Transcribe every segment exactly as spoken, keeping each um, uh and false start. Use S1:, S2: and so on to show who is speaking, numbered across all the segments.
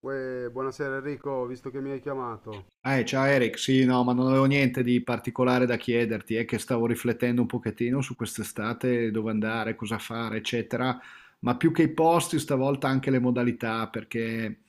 S1: Uè, buonasera Enrico, visto che mi hai chiamato,
S2: Eh, ciao Eric, sì, no, ma non avevo niente di particolare da chiederti, è che stavo riflettendo un pochettino su quest'estate, dove andare, cosa fare, eccetera, ma più che i posti, stavolta anche le modalità, perché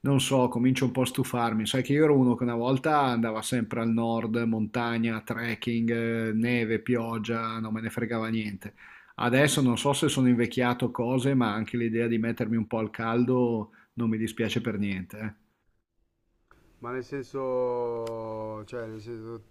S2: non so, comincio un po' a stufarmi. Sai che io ero uno che una volta andava sempre al nord, montagna, trekking, eh, neve, pioggia, non me ne fregava niente. Adesso non so se sono invecchiato o cose, ma anche l'idea di mettermi un po' al caldo non mi dispiace per niente, eh.
S1: ma nel senso, cioè, nel senso,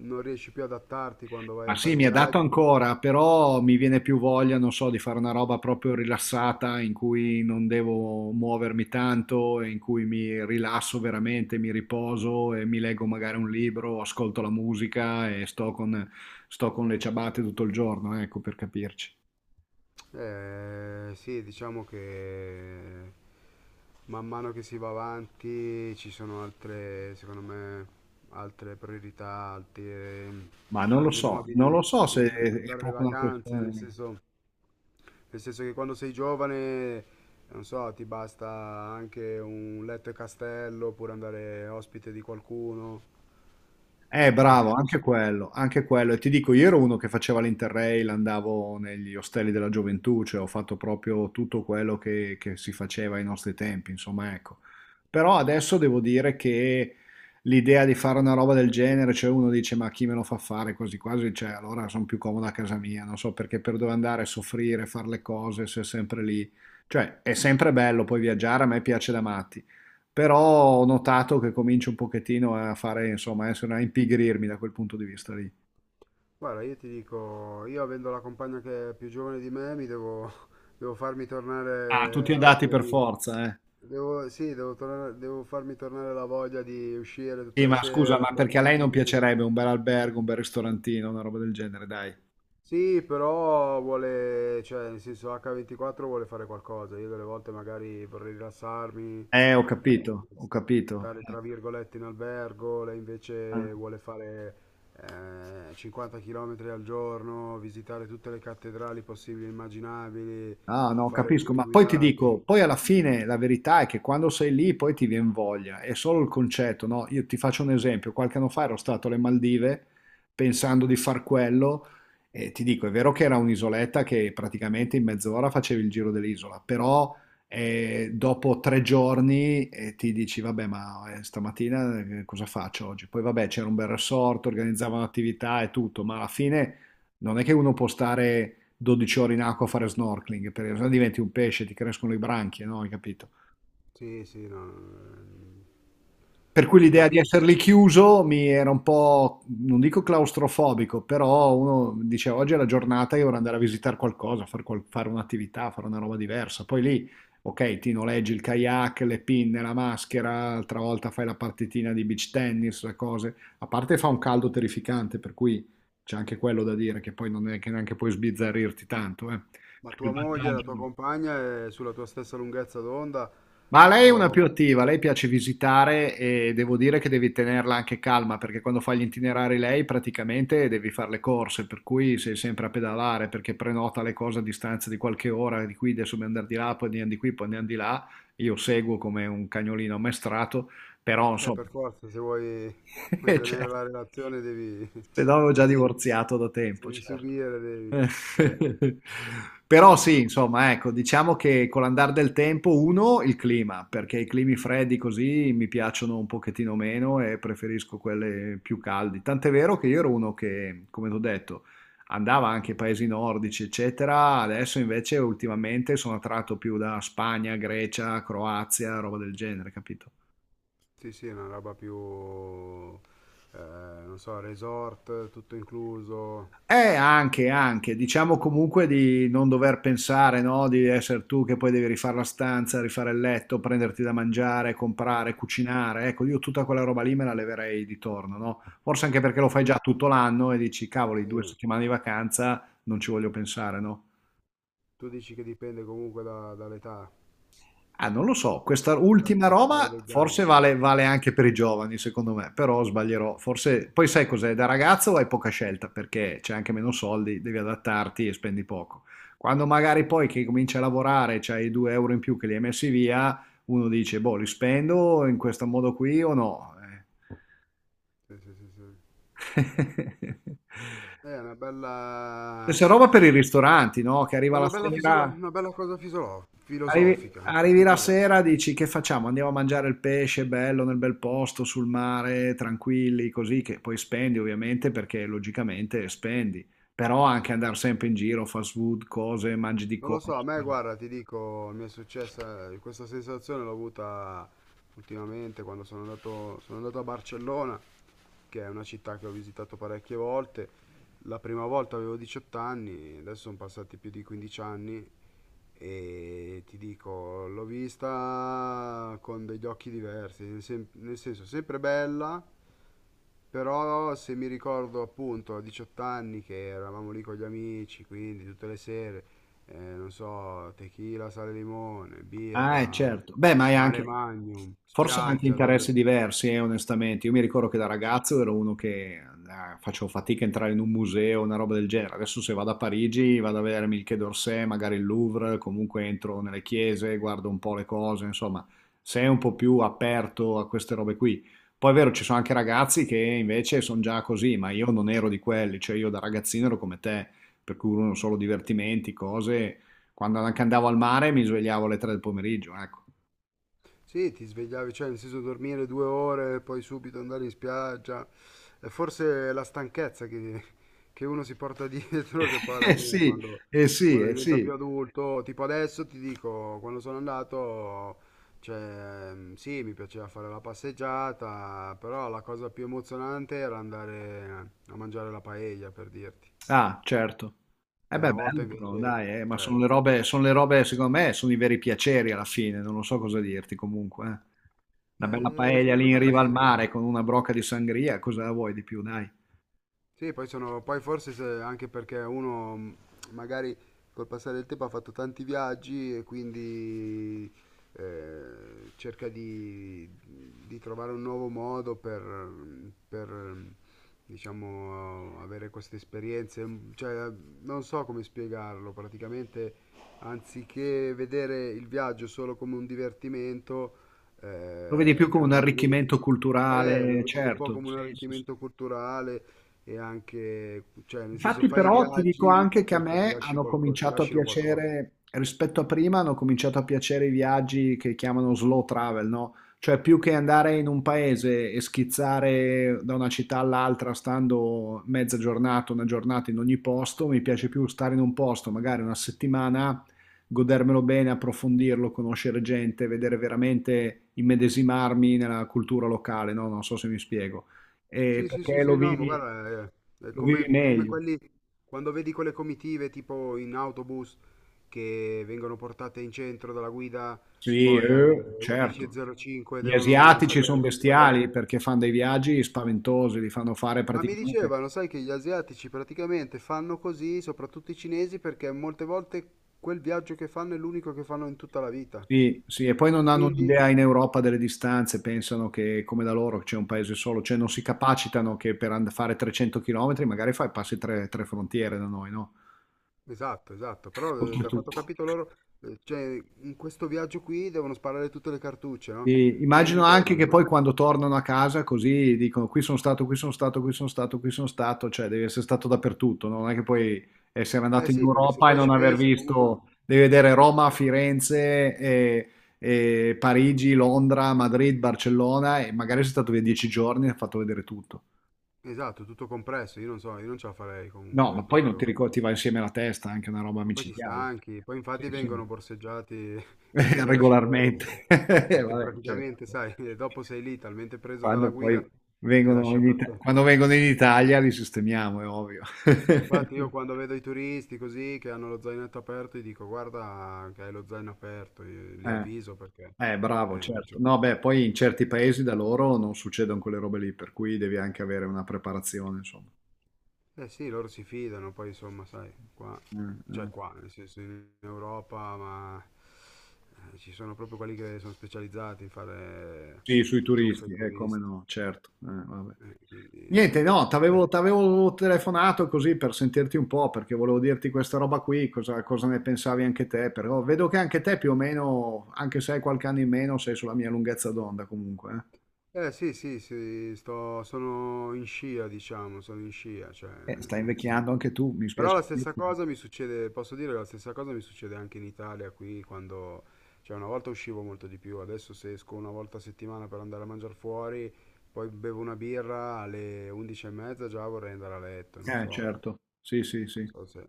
S1: non riesci più ad adattarti quando vai
S2: Ma
S1: a
S2: sì,
S1: fare i
S2: mi è dato
S1: viaggi?
S2: ancora, però mi viene più voglia, non so, di fare una roba proprio rilassata in cui non devo muovermi tanto, e in cui mi rilasso veramente, mi riposo e mi leggo magari un libro, ascolto la musica e sto con, sto con le ciabatte tutto il giorno, ecco, per capirci.
S1: Eh, sì, diciamo che man mano che si va avanti ci sono altre, secondo me, altre priorità, altri,
S2: Ma non lo
S1: altri
S2: so,
S1: modi
S2: non
S1: di,
S2: lo so
S1: di
S2: se è
S1: interpretare le
S2: proprio una
S1: vacanze, nel
S2: questione.
S1: senso, nel senso che quando sei giovane, non so, ti basta anche un letto e castello oppure andare ospite di qualcuno,
S2: Eh,
S1: mentre
S2: bravo, anche
S1: invece...
S2: quello, anche quello. E ti dico, io ero uno che faceva l'Interrail, andavo negli ostelli della gioventù, cioè ho fatto proprio tutto quello che, che si faceva ai nostri tempi, insomma, ecco. Però adesso devo dire che l'idea di fare una roba del genere, cioè uno dice, ma chi me lo fa fare quasi quasi, cioè allora sono più comodo a casa mia, non so perché per dove andare a soffrire, fare le cose, se è sempre lì. Cioè, è sempre bello poi viaggiare, a me piace da matti, però ho notato che comincio un pochettino a fare, insomma, a essere- a impigrirmi da quel punto di vista lì.
S1: Guarda, io ti dico, io avendo la compagna che è più giovane di me, mi devo, devo farmi
S2: Ah, tutti
S1: tornare la
S2: andati
S1: voglia
S2: per
S1: di...
S2: forza, eh.
S1: Devo, sì, devo, tornare- devo farmi tornare la voglia di uscire tutte
S2: Sì,
S1: le
S2: ma scusa,
S1: sere,
S2: ma perché a lei non
S1: aperitivi.
S2: piacerebbe un bel albergo, un bel ristorantino, una roba del genere, dai.
S1: Sì, però vuole, cioè, nel senso acca ventiquattro vuole fare qualcosa. Io delle volte magari vorrei rilassarmi.
S2: Eh, ho
S1: eh,
S2: capito, ho capito.
S1: Tale tra virgolette in albergo, lei
S2: Eh.
S1: invece vuole fare eh, cinquanta chilometri al giorno, visitare tutte le cattedrali possibili e immaginabili,
S2: Ah, no,
S1: fare
S2: capisco,
S1: tour
S2: ma poi ti dico,
S1: guidati.
S2: poi alla fine la verità è che quando sei lì poi ti viene voglia, è solo il concetto, no? Io ti faccio un esempio, qualche anno fa ero stato alle Maldive pensando di far quello e ti dico, è vero che era un'isoletta che praticamente in mezz'ora facevi il giro dell'isola, però eh, dopo tre giorni eh, ti dici, vabbè, ma eh, stamattina eh, cosa faccio oggi? Poi vabbè, c'era un bel resort, organizzavano attività e tutto, ma alla fine non è che uno può stare dodici ore in acqua a fare snorkeling, per esempio, diventi un pesce, ti crescono le branchie, no? Hai capito?
S1: Sì, sì, no, ehm,
S2: Per cui
S1: ti
S2: l'idea di
S1: capisco.
S2: essere lì chiuso mi era un po', non dico claustrofobico, però uno dice oggi è la giornata, io vorrei andare a visitare qualcosa, far qual- fare un'attività, fare una roba diversa. Poi lì, ok, ti noleggi il kayak, le pinne, la maschera, altra volta fai la partitina di beach tennis, le cose. A parte fa un caldo terrificante, per cui c'è anche quello da dire, che poi non è che neanche puoi sbizzarrirti tanto, eh.
S1: Ma
S2: Perché il
S1: tua moglie, la tua
S2: vantaggio.
S1: compagna è sulla tua stessa lunghezza d'onda?
S2: Ma lei è una
S1: O...
S2: più attiva, lei piace visitare e devo dire che devi tenerla anche calma perché quando fa gli itinerari lei praticamente devi fare le corse, per cui sei sempre a pedalare perché prenota le cose a distanza di qualche ora, di qui adesso dobbiamo andare di là, poi andiamo di qui, poi andiamo di là. Io seguo come un cagnolino ammaestrato, però
S1: Eh,
S2: insomma,
S1: per forza, se vuoi vuoi
S2: eh,
S1: tenere
S2: certo,
S1: la relazione devi,
S2: se no avevo già
S1: devi,
S2: divorziato da tempo,
S1: devi
S2: certo.
S1: subire, devi...
S2: Eh.
S1: Eh,
S2: Però sì,
S1: madonna.
S2: insomma, ecco, diciamo che con l'andare del tempo, uno, il clima, perché i climi freddi così mi piacciono un pochettino meno e preferisco quelli più caldi. Tant'è vero che io ero uno che, come ti ho detto, andava anche ai paesi nordici, eccetera. Adesso invece ultimamente sono attratto più da Spagna, Grecia, Croazia, roba del genere, capito?
S1: Sì, sì, è una roba più, eh, non so, resort, tutto incluso.
S2: Eh, anche, anche, diciamo comunque di non dover pensare, no? Di essere tu che poi devi rifare la stanza, rifare il letto, prenderti da mangiare, comprare, cucinare. Ecco, io tutta quella roba lì me la leverei di torno, no? Forse anche perché lo fai
S1: Tu,
S2: già tutto l'anno e dici, cavoli, due
S1: sì,
S2: settimane di vacanza, non ci voglio pensare, no?
S1: tu dici che dipende comunque da- dall'età,
S2: Ah, non lo so, questa
S1: dal
S2: ultima
S1: passare
S2: roba
S1: degli
S2: forse
S1: anni.
S2: vale, vale anche per i giovani, secondo me, però sbaglierò. Forse poi sai cos'è, da ragazzo hai poca scelta perché c'è anche meno soldi, devi adattarti e spendi poco. Quando magari poi che cominci a lavorare, c'hai i due euro in più che li hai messi via, uno dice, boh, li spendo in questo modo qui o no? Eh.
S1: Sì, sì, sì, sì. Eh, È una bella,
S2: Stessa roba per i ristoranti, no? Che
S1: è
S2: arriva la
S1: una bella, fisolo-
S2: sera.
S1: una bella cosa fisolo-
S2: Arrivi,
S1: filosofica, non so
S2: arrivi
S1: più
S2: la
S1: parlare.
S2: sera, dici che facciamo? Andiamo a mangiare il pesce bello nel bel posto, sul mare, tranquilli, così che poi spendi ovviamente perché logicamente spendi, però anche andare sempre in giro, fast food, cose, mangi di
S1: Non lo
S2: corsa.
S1: so, a me guarda, ti dico, mi è successa eh, questa sensazione l'ho avuta ultimamente quando sono andato, sono andato a Barcellona, che è una città che ho visitato parecchie volte. La prima volta avevo diciotto anni, adesso sono passati più di quindici anni e ti dico, l'ho vista con degli occhi diversi, nel sen- nel senso sempre bella, però se mi ricordo appunto a diciotto anni che eravamo lì con gli amici, quindi tutte le sere eh, non so, tequila, sale, limone,
S2: Ah, eh,
S1: birra,
S2: certo. Beh, ma è
S1: mare
S2: anche
S1: magnum,
S2: forse anche
S1: spiaggia. Dor-
S2: interessi diversi, eh, onestamente. Io mi ricordo che da ragazzo ero uno che eh, facevo fatica a entrare in un museo, una roba del genere. Adesso se vado a Parigi, vado a vedermi il Quai d'Orsay, magari il Louvre, comunque entro nelle chiese, guardo un po' le cose, insomma, sei un po' più aperto a queste robe qui. Poi è vero, ci sono anche ragazzi che invece sono già così, ma io non ero di quelli, cioè io da ragazzino ero come te, per cui uno solo divertimenti, cose, quando anche andavo al mare mi svegliavo alle tre del pomeriggio, ecco.
S1: sì, ti svegliavi, cioè nel senso dormire due ore e poi subito andare in spiaggia. È forse la stanchezza che, che uno si porta dietro, che poi alla
S2: Eh
S1: fine
S2: sì,
S1: quando,
S2: eh sì,
S1: quando
S2: eh
S1: diventa
S2: sì.
S1: più adulto, tipo adesso ti dico, quando sono andato, cioè sì, mi piaceva fare la passeggiata, però la cosa più emozionante era andare a mangiare la paella, per dirti.
S2: Ah, certo. Eh
S1: Che
S2: beh,
S1: una volta
S2: bello però,
S1: invece,
S2: dai, eh, ma
S1: cioè,
S2: sono le robe, sono le robe, secondo me, sono i veri piaceri alla fine, non lo so cosa dirti comunque. eh. Una bella
S1: eh,
S2: paella
S1: secondo
S2: lì in
S1: me
S2: riva
S1: sì.
S2: al
S1: Sì.
S2: mare con una brocca di sangria, cosa vuoi di più, dai?
S1: Sì, poi, sono, poi forse se- anche perché uno mh, magari col passare del tempo ha fatto tanti viaggi e quindi eh, cerca di, di trovare un nuovo modo per, per, diciamo, avere queste esperienze. Mm, cioè, non so come spiegarlo, praticamente anziché vedere il viaggio solo come un divertimento,
S2: Lo vedi più
S1: eh,
S2: come un
S1: quando diventi...
S2: arricchimento
S1: Eh, lo
S2: culturale,
S1: vedi un po'
S2: certo,
S1: come un
S2: sì, sì, sì.
S1: arricchimento culturale, e anche, cioè, nel senso
S2: Infatti
S1: fai i
S2: però ti dico
S1: viaggi
S2: anche che a
S1: perché ti
S2: me
S1: lasci
S2: hanno
S1: qualcosa, ti
S2: cominciato a
S1: lasciano qualcosa.
S2: piacere, rispetto a prima, hanno cominciato a piacere i viaggi che chiamano slow travel, no? Cioè più che andare in un paese e schizzare da una città all'altra stando mezza giornata, una giornata in ogni posto, mi piace più stare in un posto, magari una settimana, godermelo bene, approfondirlo, conoscere gente, vedere veramente, immedesimarmi nella cultura locale, no? Non so se mi spiego. Eh,
S1: Sì, sì, sì,
S2: perché lo
S1: sì, no, ma
S2: vivi,
S1: guarda, è, è
S2: lo vivi
S1: come, come
S2: meglio.
S1: quelli, quando vedi quelle comitive tipo in autobus che vengono portate in centro dalla guida,
S2: Sì,
S1: poi alle
S2: eh, certo.
S1: undici e cinque
S2: Gli
S1: devono
S2: asiatici sono
S1: salire sul traghetto.
S2: bestiali perché fanno dei viaggi spaventosi, li fanno fare
S1: Ma mi
S2: praticamente.
S1: dicevano, sai che gli asiatici praticamente fanno così, soprattutto i cinesi, perché molte volte quel viaggio che fanno è l'unico che fanno in tutta la vita.
S2: Sì, sì, e poi non hanno
S1: Quindi,
S2: un'idea in Europa delle distanze, pensano che come da loro c'è un paese solo, cioè non si capacitano che per and- fare trecento chilometri magari fai, passi tre, tre frontiere da noi, no?
S1: esatto, esatto, però eh, da quanto ho
S2: Oltretutto.
S1: capito loro, eh, cioè, in questo viaggio qui devono sparare tutte le cartucce, no?
S2: Sì, immagino
S1: Quindi
S2: anche
S1: devono...
S2: che
S1: ma-
S2: poi quando tornano a casa così dicono qui sono stato, qui sono stato, qui sono stato, qui sono stato, cioè devi essere stato dappertutto, no? Non è che puoi essere
S1: eh
S2: andato in
S1: sì, perché se
S2: Europa e
S1: poi
S2: non
S1: ci
S2: aver
S1: pensi comunque...
S2: visto, devi vedere Roma, Firenze, e- e Parigi, Londra, Madrid, Barcellona e magari sei stato via dieci giorni e hai fatto vedere tutto.
S1: Esatto, tutto compresso, io non so, io non ce la farei
S2: No, ma
S1: comunque
S2: poi non ti
S1: proprio...
S2: ricordi, ti va insieme la testa, anche una roba
S1: Ma poi ti
S2: micidiale.
S1: stanchi, poi infatti
S2: Sì, sì,
S1: vengono borseggiati in tutte le città
S2: regolarmente.
S1: europee,
S2: Eh,
S1: perché
S2: vabbè, certo.
S1: praticamente, sai, dopo sei lì talmente preso dalla
S2: Quando poi
S1: guida che
S2: vengono
S1: lasci
S2: in Ita-
S1: aperto...
S2: quando vengono in Italia li sistemiamo, è ovvio.
S1: Infatti io quando vedo i turisti così che hanno lo zainetto aperto, gli dico guarda che hai lo zaino aperto, io li
S2: Eh,
S1: avviso perché...
S2: eh, bravo,
S1: Eh,
S2: certo.
S1: cioè-
S2: No, beh, poi in certi paesi da loro non succedono quelle robe lì, per cui devi anche avere una preparazione, insomma.
S1: eh sì, loro si fidano, poi insomma, sai, qua,
S2: Eh,
S1: cioè
S2: eh.
S1: qua, nel senso in Europa, ma eh, ci sono proprio quelli che sono specializzati in fare
S2: Sì, sui
S1: truffe ai
S2: turisti, eh, come
S1: turisti.
S2: no, certo. Eh, vabbè.
S1: Eh, quindi...
S2: Niente, no,
S1: Eh.
S2: t'avevo, t'avevo telefonato così per sentirti un po', perché volevo dirti questa roba qui, cosa, cosa ne pensavi anche te, però vedo che anche te più o meno, anche se hai qualche anno in meno, sei sulla mia lunghezza d'onda comunque.
S1: Eh, sì, sì, sì, sto, sono in scia, diciamo, sono in scia, cioè,
S2: Eh. Eh, stai
S1: ti
S2: invecchiando
S1: dico.
S2: anche tu, mi
S1: Però
S2: spiace.
S1: la stessa
S2: dirlo.
S1: cosa mi succede, posso dire, la stessa cosa mi succede anche in Italia, qui quando, cioè una volta uscivo molto di più, adesso se esco una volta a settimana per andare a mangiare fuori, poi bevo una birra alle undici e mezza già vorrei andare a letto, non
S2: Eh,
S1: so, non
S2: certo, sì, sì, sì.
S1: so se...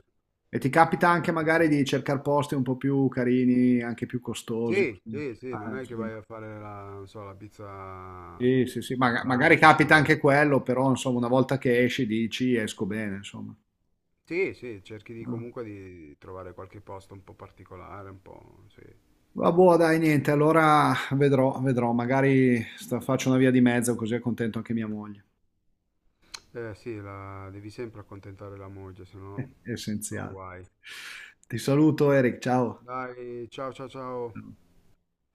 S2: E ti capita anche magari di cercare posti un po' più carini, anche più costosi.
S1: Sì, sì, sì, non
S2: Eh,
S1: è che
S2: sì.
S1: vai a fare la, non so, la pizza
S2: Sì, sì, sì,
S1: al
S2: maga- magari
S1: trancio
S2: capita
S1: oppure...
S2: anche quello, però insomma una volta che esci dici esco bene, insomma.
S1: Sì, sì, cerchi di
S2: Eh.
S1: comunque di trovare qualche posto un po' particolare, un po', sì.
S2: Vabbè, dai, niente, allora vedrò, vedrò, magari sta- faccio una via di mezzo così è contento anche mia moglie.
S1: Eh sì, la- devi sempre accontentare la moglie, se no
S2: È
S1: sono
S2: essenziale.
S1: guai.
S2: Ti saluto Eric, ciao.
S1: Dai, ciao ciao ciao.
S2: Ciao.